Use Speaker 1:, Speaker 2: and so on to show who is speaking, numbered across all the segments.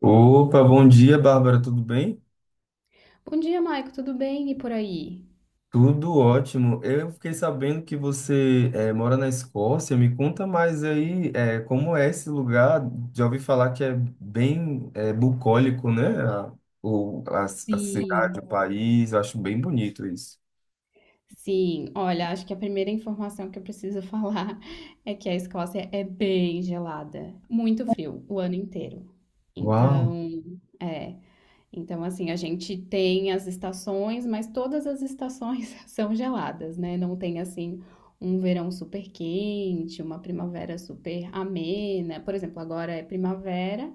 Speaker 1: Opa, bom dia, Bárbara, tudo bem?
Speaker 2: Bom dia, Maico, tudo bem? E por aí?
Speaker 1: Tudo ótimo. Eu fiquei sabendo que você mora na Escócia. Me conta mais aí, como é esse lugar. Já ouvi falar que é bem bucólico, né? A cidade,
Speaker 2: Sim,
Speaker 1: o país. Eu acho bem bonito isso.
Speaker 2: sim. Olha, acho que a primeira informação que eu preciso falar é que a Escócia é bem gelada, muito frio o ano inteiro.
Speaker 1: Uau,
Speaker 2: Então, é, então assim, a gente tem as estações, mas todas as estações são geladas, né? Não tem assim um verão super quente, uma primavera super amena. Por exemplo, agora é primavera.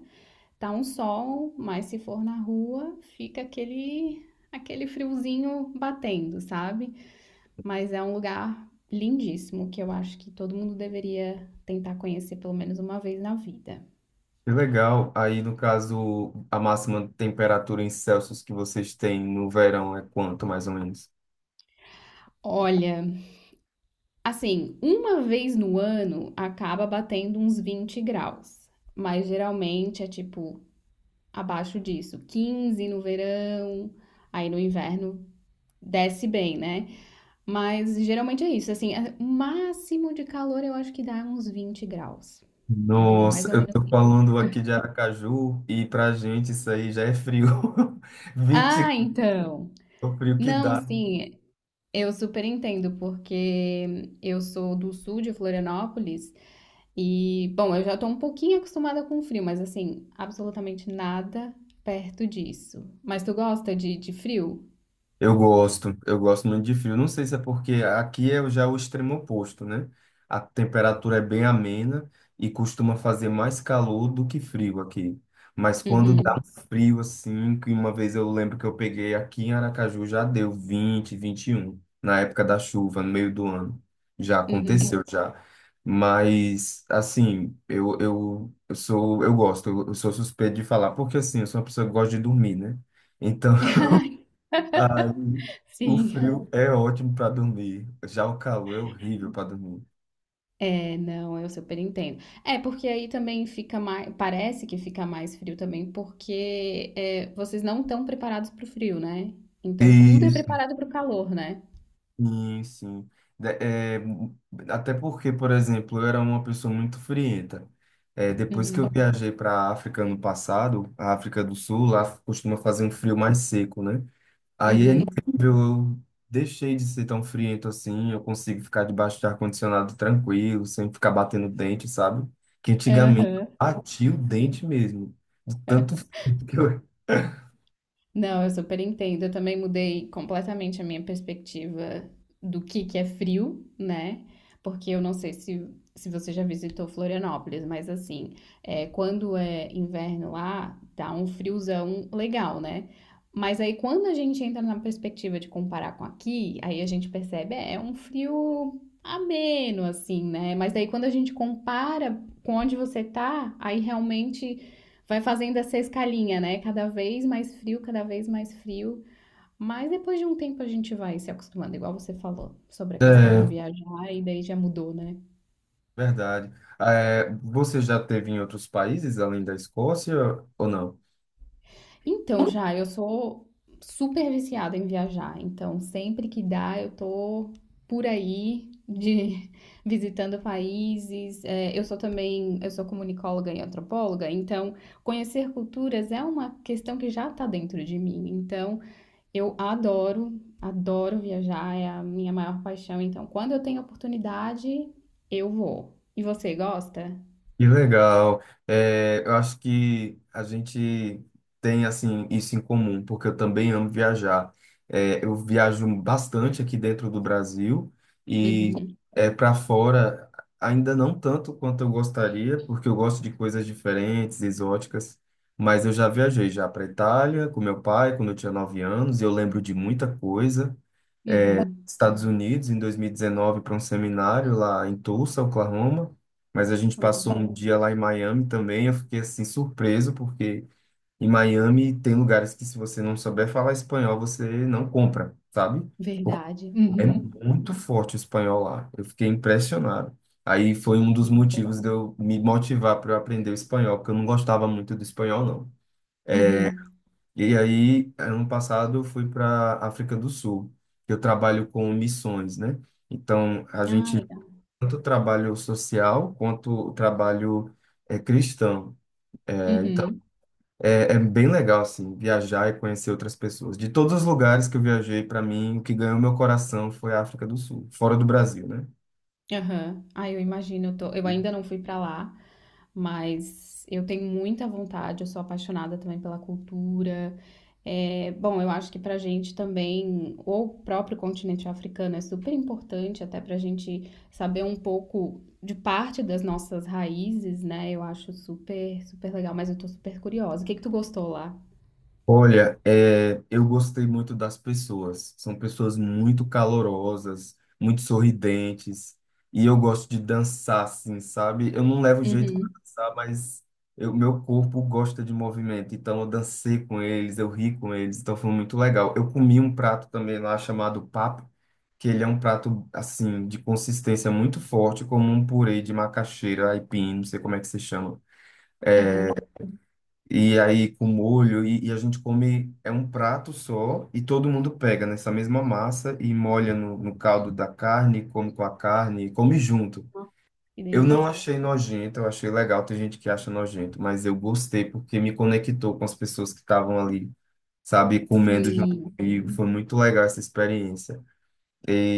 Speaker 2: Tá um sol, mas se for na rua, fica aquele friozinho batendo, sabe? Mas é um lugar lindíssimo que eu acho que todo mundo deveria tentar conhecer pelo menos uma vez na vida.
Speaker 1: que legal. Aí, no caso, a máxima temperatura em Celsius que vocês têm no verão é quanto, mais ou menos?
Speaker 2: Olha, assim, uma vez no ano acaba batendo uns 20 graus, mas geralmente é tipo abaixo disso, 15 no verão, aí no inverno desce bem, né? Mas geralmente é isso, assim, é, o máximo de calor eu acho que dá uns 20 graus. Eu diria
Speaker 1: Nossa,
Speaker 2: mais ou
Speaker 1: eu
Speaker 2: menos
Speaker 1: tô
Speaker 2: isso.
Speaker 1: falando aqui de Aracaju e pra gente isso aí já é frio. 20
Speaker 2: Ah, então.
Speaker 1: é o frio que
Speaker 2: Não,
Speaker 1: dá.
Speaker 2: sim, eu super entendo, porque eu sou do sul de Florianópolis e, bom, eu já tô um pouquinho acostumada com o frio, mas assim, absolutamente nada perto disso. Mas tu gosta de frio?
Speaker 1: Eu gosto muito de frio. Não sei se é porque aqui é já o extremo oposto, né? A temperatura é bem amena e costuma fazer mais calor do que frio aqui. Mas quando dá
Speaker 2: Uhum,
Speaker 1: um frio assim, que uma vez eu lembro que eu peguei aqui em Aracaju, já deu 20, 21 na época da chuva, no meio do ano. Já
Speaker 2: uhum.
Speaker 1: aconteceu, já. Mas, assim, eu sou, eu gosto, eu sou suspeito de falar, porque assim, eu sou uma pessoa que gosta de dormir, né? Então, ai, o
Speaker 2: Sim.
Speaker 1: frio é ótimo para dormir, já o calor é horrível para dormir.
Speaker 2: É, não, eu super entendo. É, porque aí também fica mais, parece que fica mais frio também, porque é, vocês não estão preparados para o frio, né? Então tudo é
Speaker 1: Isso.
Speaker 2: preparado para o calor, né?
Speaker 1: Sim, sim. É, até porque, por exemplo, eu era uma pessoa muito frienta. É, depois que eu
Speaker 2: Uhum,
Speaker 1: viajei para a África no passado, a África do Sul, lá costuma fazer um frio mais seco, né? Aí é
Speaker 2: uhum,
Speaker 1: incrível, eu deixei de ser tão friento assim, eu consigo ficar debaixo de ar-condicionado tranquilo, sem ficar batendo dente, sabe? Que antigamente eu
Speaker 2: aham.
Speaker 1: batia o dente mesmo, de tanto frio que eu...
Speaker 2: Não, eu super entendo. Eu também mudei completamente a minha perspectiva do que é frio, né? Porque eu não sei se você já visitou Florianópolis, mas assim, é, quando é inverno lá, dá um friozão legal, né? Mas aí quando a gente entra na perspectiva de comparar com aqui, aí a gente percebe, é um frio ameno, assim, né? Mas daí quando a gente compara com onde você tá, aí realmente vai fazendo essa escalinha, né? Cada vez mais frio, cada vez mais frio. Mas depois de um tempo a gente vai se acostumando, igual você falou, sobre a questão de
Speaker 1: É,
Speaker 2: viajar, e daí já mudou, né?
Speaker 1: verdade. É, você já teve em outros países além da Escócia ou não?
Speaker 2: Então, já, eu sou super viciada em viajar, então sempre que dá eu tô por aí, visitando países. É, eu sou também, eu sou comunicóloga e antropóloga, então conhecer culturas é uma questão que já tá dentro de mim. Então, eu adoro, adoro viajar, é a minha maior paixão. Então, quando eu tenho oportunidade, eu vou. E você gosta?
Speaker 1: Que legal. É, eu acho que a gente tem assim isso em comum, porque eu também amo viajar. É, eu viajo bastante aqui dentro do Brasil e
Speaker 2: Uhum,
Speaker 1: para fora ainda não tanto quanto eu gostaria, porque eu gosto de coisas diferentes, exóticas. Mas eu já viajei já para Itália com meu pai quando eu tinha 9 anos e eu lembro de muita coisa.
Speaker 2: uhum.
Speaker 1: Estados Unidos em 2019 para um seminário lá em Tulsa, Oklahoma, mas a gente
Speaker 2: Legal.
Speaker 1: passou um dia lá em Miami também. Eu fiquei assim surpreso porque em Miami tem lugares que se você não souber falar espanhol, você não compra, sabe? Porque
Speaker 2: Verdade.
Speaker 1: é
Speaker 2: Uhum.
Speaker 1: muito forte o espanhol lá. Eu fiquei impressionado. Aí foi um dos
Speaker 2: Verdade.
Speaker 1: motivos de eu me motivar para eu aprender o espanhol, porque eu não gostava muito do espanhol, não.
Speaker 2: Uhum.
Speaker 1: E aí, ano passado, eu fui para África do Sul. Que eu trabalho com missões, né? Então, a
Speaker 2: Ah,
Speaker 1: gente
Speaker 2: legal.
Speaker 1: tanto o trabalho social quanto o trabalho cristão. É, então,
Speaker 2: Uhum.
Speaker 1: é bem legal, assim, viajar e conhecer outras pessoas. De todos os lugares que eu viajei, para mim, o que ganhou meu coração foi a África do Sul, fora do Brasil, né?
Speaker 2: Aham. Ah, eu imagino, eu tô, eu ainda não fui pra lá, mas eu tenho muita vontade, eu sou apaixonada também pela cultura. É, bom, eu acho que pra gente também, o próprio continente africano é super importante, até pra gente saber um pouco de parte das nossas raízes, né? Eu acho super, super legal, mas eu tô super curiosa. O que que tu gostou lá?
Speaker 1: Olha, é, eu gostei muito das pessoas. São pessoas muito calorosas, muito sorridentes. E eu gosto de dançar, assim, sabe? Eu não levo jeito para
Speaker 2: Uhum.
Speaker 1: dançar, mas eu, meu corpo gosta de movimento. Então eu dancei com eles, eu ri com eles. Então foi muito legal. Eu comi um prato também lá chamado papo, que ele é um prato, assim, de consistência muito forte, como um purê de macaxeira, aipim, não sei como é que se chama.
Speaker 2: Aham.
Speaker 1: E aí com molho, e a gente come, é um prato só, e todo mundo pega nessa mesma massa e molha no caldo da carne, come com a carne, come junto.
Speaker 2: Nossa, que
Speaker 1: Eu não
Speaker 2: delícia.
Speaker 1: achei nojento, eu achei legal, tem gente que acha nojento, mas eu gostei porque me conectou com as pessoas que estavam ali, sabe, comendo junto
Speaker 2: Sim.
Speaker 1: comigo, foi muito legal essa experiência.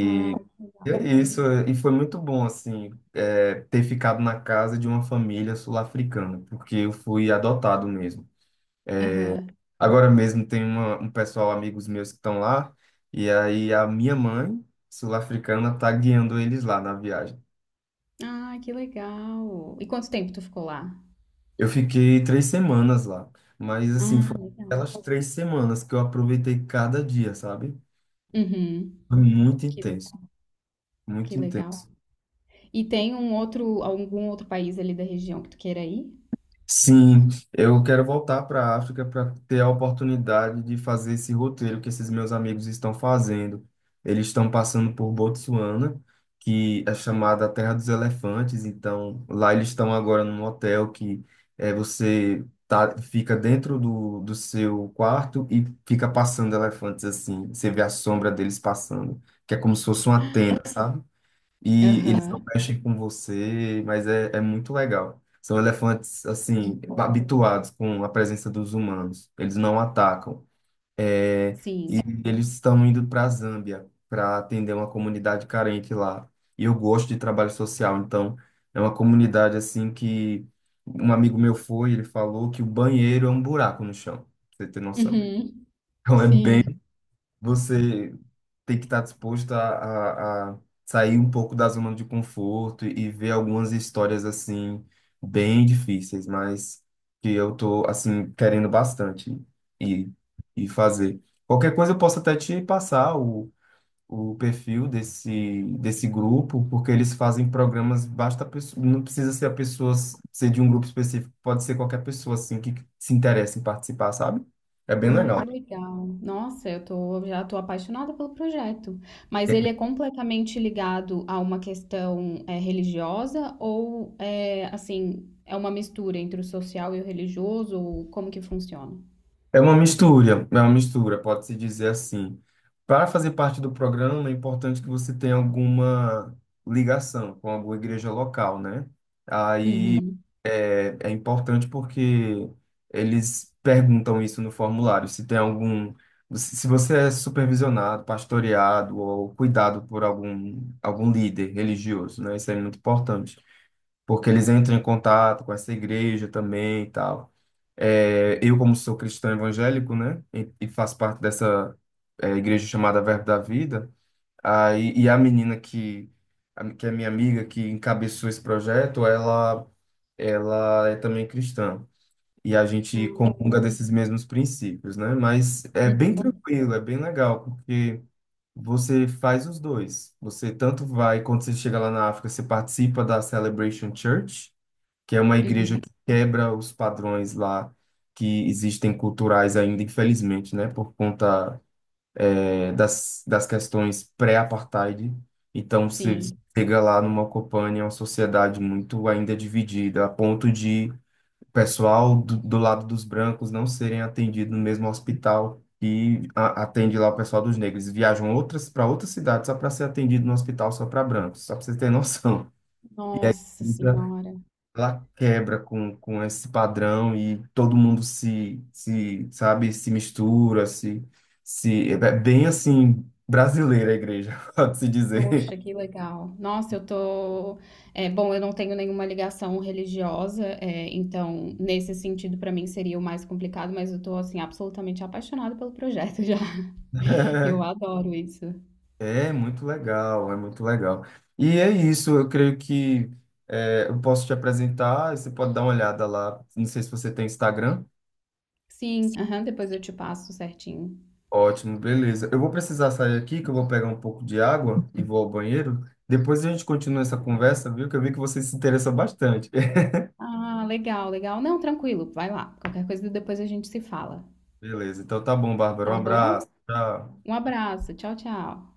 Speaker 2: Ah, que
Speaker 1: E
Speaker 2: legal.
Speaker 1: é isso, é, e foi muito bom, assim, é, ter ficado na casa de uma família sul-africana, porque eu fui adotado mesmo.
Speaker 2: Aham.
Speaker 1: Agora mesmo tem uma, um pessoal, amigos meus que estão lá, e aí a minha mãe, sul-africana, tá guiando eles lá na viagem.
Speaker 2: Ah, que legal. E quanto tempo tu ficou lá?
Speaker 1: Eu fiquei 3 semanas lá, mas assim,
Speaker 2: Ah,
Speaker 1: foram
Speaker 2: legal.
Speaker 1: aquelas 3 semanas que eu aproveitei cada dia, sabe?
Speaker 2: Uhum.
Speaker 1: Foi muito
Speaker 2: Que
Speaker 1: intenso,
Speaker 2: legal,
Speaker 1: muito
Speaker 2: que legal.
Speaker 1: intenso.
Speaker 2: E tem um outro, algum outro país ali da região que tu queira ir?
Speaker 1: Sim, eu quero voltar para a África para ter a oportunidade de fazer esse roteiro que esses meus amigos estão fazendo. Eles estão passando por Botsuana, que é chamada a Terra dos Elefantes. Então, lá eles estão agora num hotel que é, você tá, fica dentro do seu quarto e fica passando elefantes assim. Você vê a sombra deles passando, que é como se fosse uma tenda, sabe? E eles não
Speaker 2: Aham.
Speaker 1: mexem com você, mas é, é muito legal. São elefantes, assim, habituados com a presença dos humanos. Eles não atacam. É, e
Speaker 2: Sim.
Speaker 1: eles estão indo para a Zâmbia para atender uma comunidade carente lá. E eu gosto de trabalho social, então é uma comunidade assim que um amigo meu foi, ele falou que o banheiro é um buraco no chão, pra você ter noção.
Speaker 2: Uhum.
Speaker 1: Então é bem,
Speaker 2: Sim.
Speaker 1: você tem que estar disposto a sair um pouco da zona de conforto e ver algumas histórias assim bem difíceis, mas que eu tô assim querendo bastante e e fazer. Qualquer coisa eu posso até te passar o perfil desse grupo, porque eles fazem programas, basta a pessoa, não precisa ser a pessoa ser de um grupo específico, pode ser qualquer pessoa assim que se interessa em participar, sabe? É bem
Speaker 2: Ah,
Speaker 1: legal.
Speaker 2: que legal. Nossa, eu tô, já tô apaixonada pelo projeto. Mas ele é completamente ligado a uma questão é, religiosa ou é assim, é uma mistura entre o social e o religioso? Ou como que funciona?
Speaker 1: É uma mistura, pode-se dizer assim. Para fazer parte do programa, é importante que você tenha alguma ligação com alguma igreja local, né? Aí
Speaker 2: Uhum.
Speaker 1: é, é importante porque eles perguntam isso no formulário, se tem algum, se você é supervisionado, pastoreado ou cuidado por algum, algum líder religioso, né? Isso é muito importante porque eles entram em contato com essa igreja também e tal. É, eu, como sou cristão evangélico, né, e faço parte dessa é, igreja chamada Verbo da Vida, aí, e a menina que, que é minha amiga, que encabeçou esse projeto, ela é também cristã. E a gente
Speaker 2: Ah,
Speaker 1: comunga desses mesmos princípios, né? Mas é bem
Speaker 2: uhum.
Speaker 1: tranquilo, é bem legal, porque você faz os dois. Você tanto vai, quando você chega lá na África, você participa da Celebration Church, que é uma igreja
Speaker 2: Uhum,
Speaker 1: que quebra os padrões lá que existem culturais ainda, infelizmente, né, por conta das questões pré-apartheid. Então, você
Speaker 2: sim.
Speaker 1: chega lá numa Copânia, uma sociedade muito ainda dividida, a ponto de o pessoal do, do lado dos brancos não serem atendidos no mesmo hospital que atende lá o pessoal dos negros. Viajam outras para outras cidades só para ser atendido no hospital só para brancos, só para você ter noção.
Speaker 2: Nossa
Speaker 1: Então,
Speaker 2: senhora.
Speaker 1: ela quebra com esse padrão e todo mundo se, se, sabe, se mistura, se, é bem assim, brasileira a igreja, pode-se dizer.
Speaker 2: Poxa, que legal. Nossa, eu tô. É, bom, eu não tenho nenhuma ligação religiosa, é, então nesse sentido para mim seria o mais complicado, mas eu tô assim absolutamente apaixonada pelo projeto já. Eu
Speaker 1: É
Speaker 2: adoro isso.
Speaker 1: é muito legal, é muito legal. E é isso, eu creio que é, eu posso te apresentar, você pode dar uma olhada lá. Não sei se você tem Instagram.
Speaker 2: Sim, aham, depois eu te passo certinho.
Speaker 1: Ótimo, beleza. Eu vou precisar sair aqui, que eu vou pegar um pouco de água e vou ao banheiro. Depois a gente continua essa conversa, viu? Que eu vi que você se interessa bastante.
Speaker 2: Ah, legal, legal. Não, tranquilo, vai lá. Qualquer coisa depois a gente se fala,
Speaker 1: Beleza, então tá bom, Bárbara. Um
Speaker 2: tá bom?
Speaker 1: abraço. Tchau.
Speaker 2: Um abraço, tchau, tchau.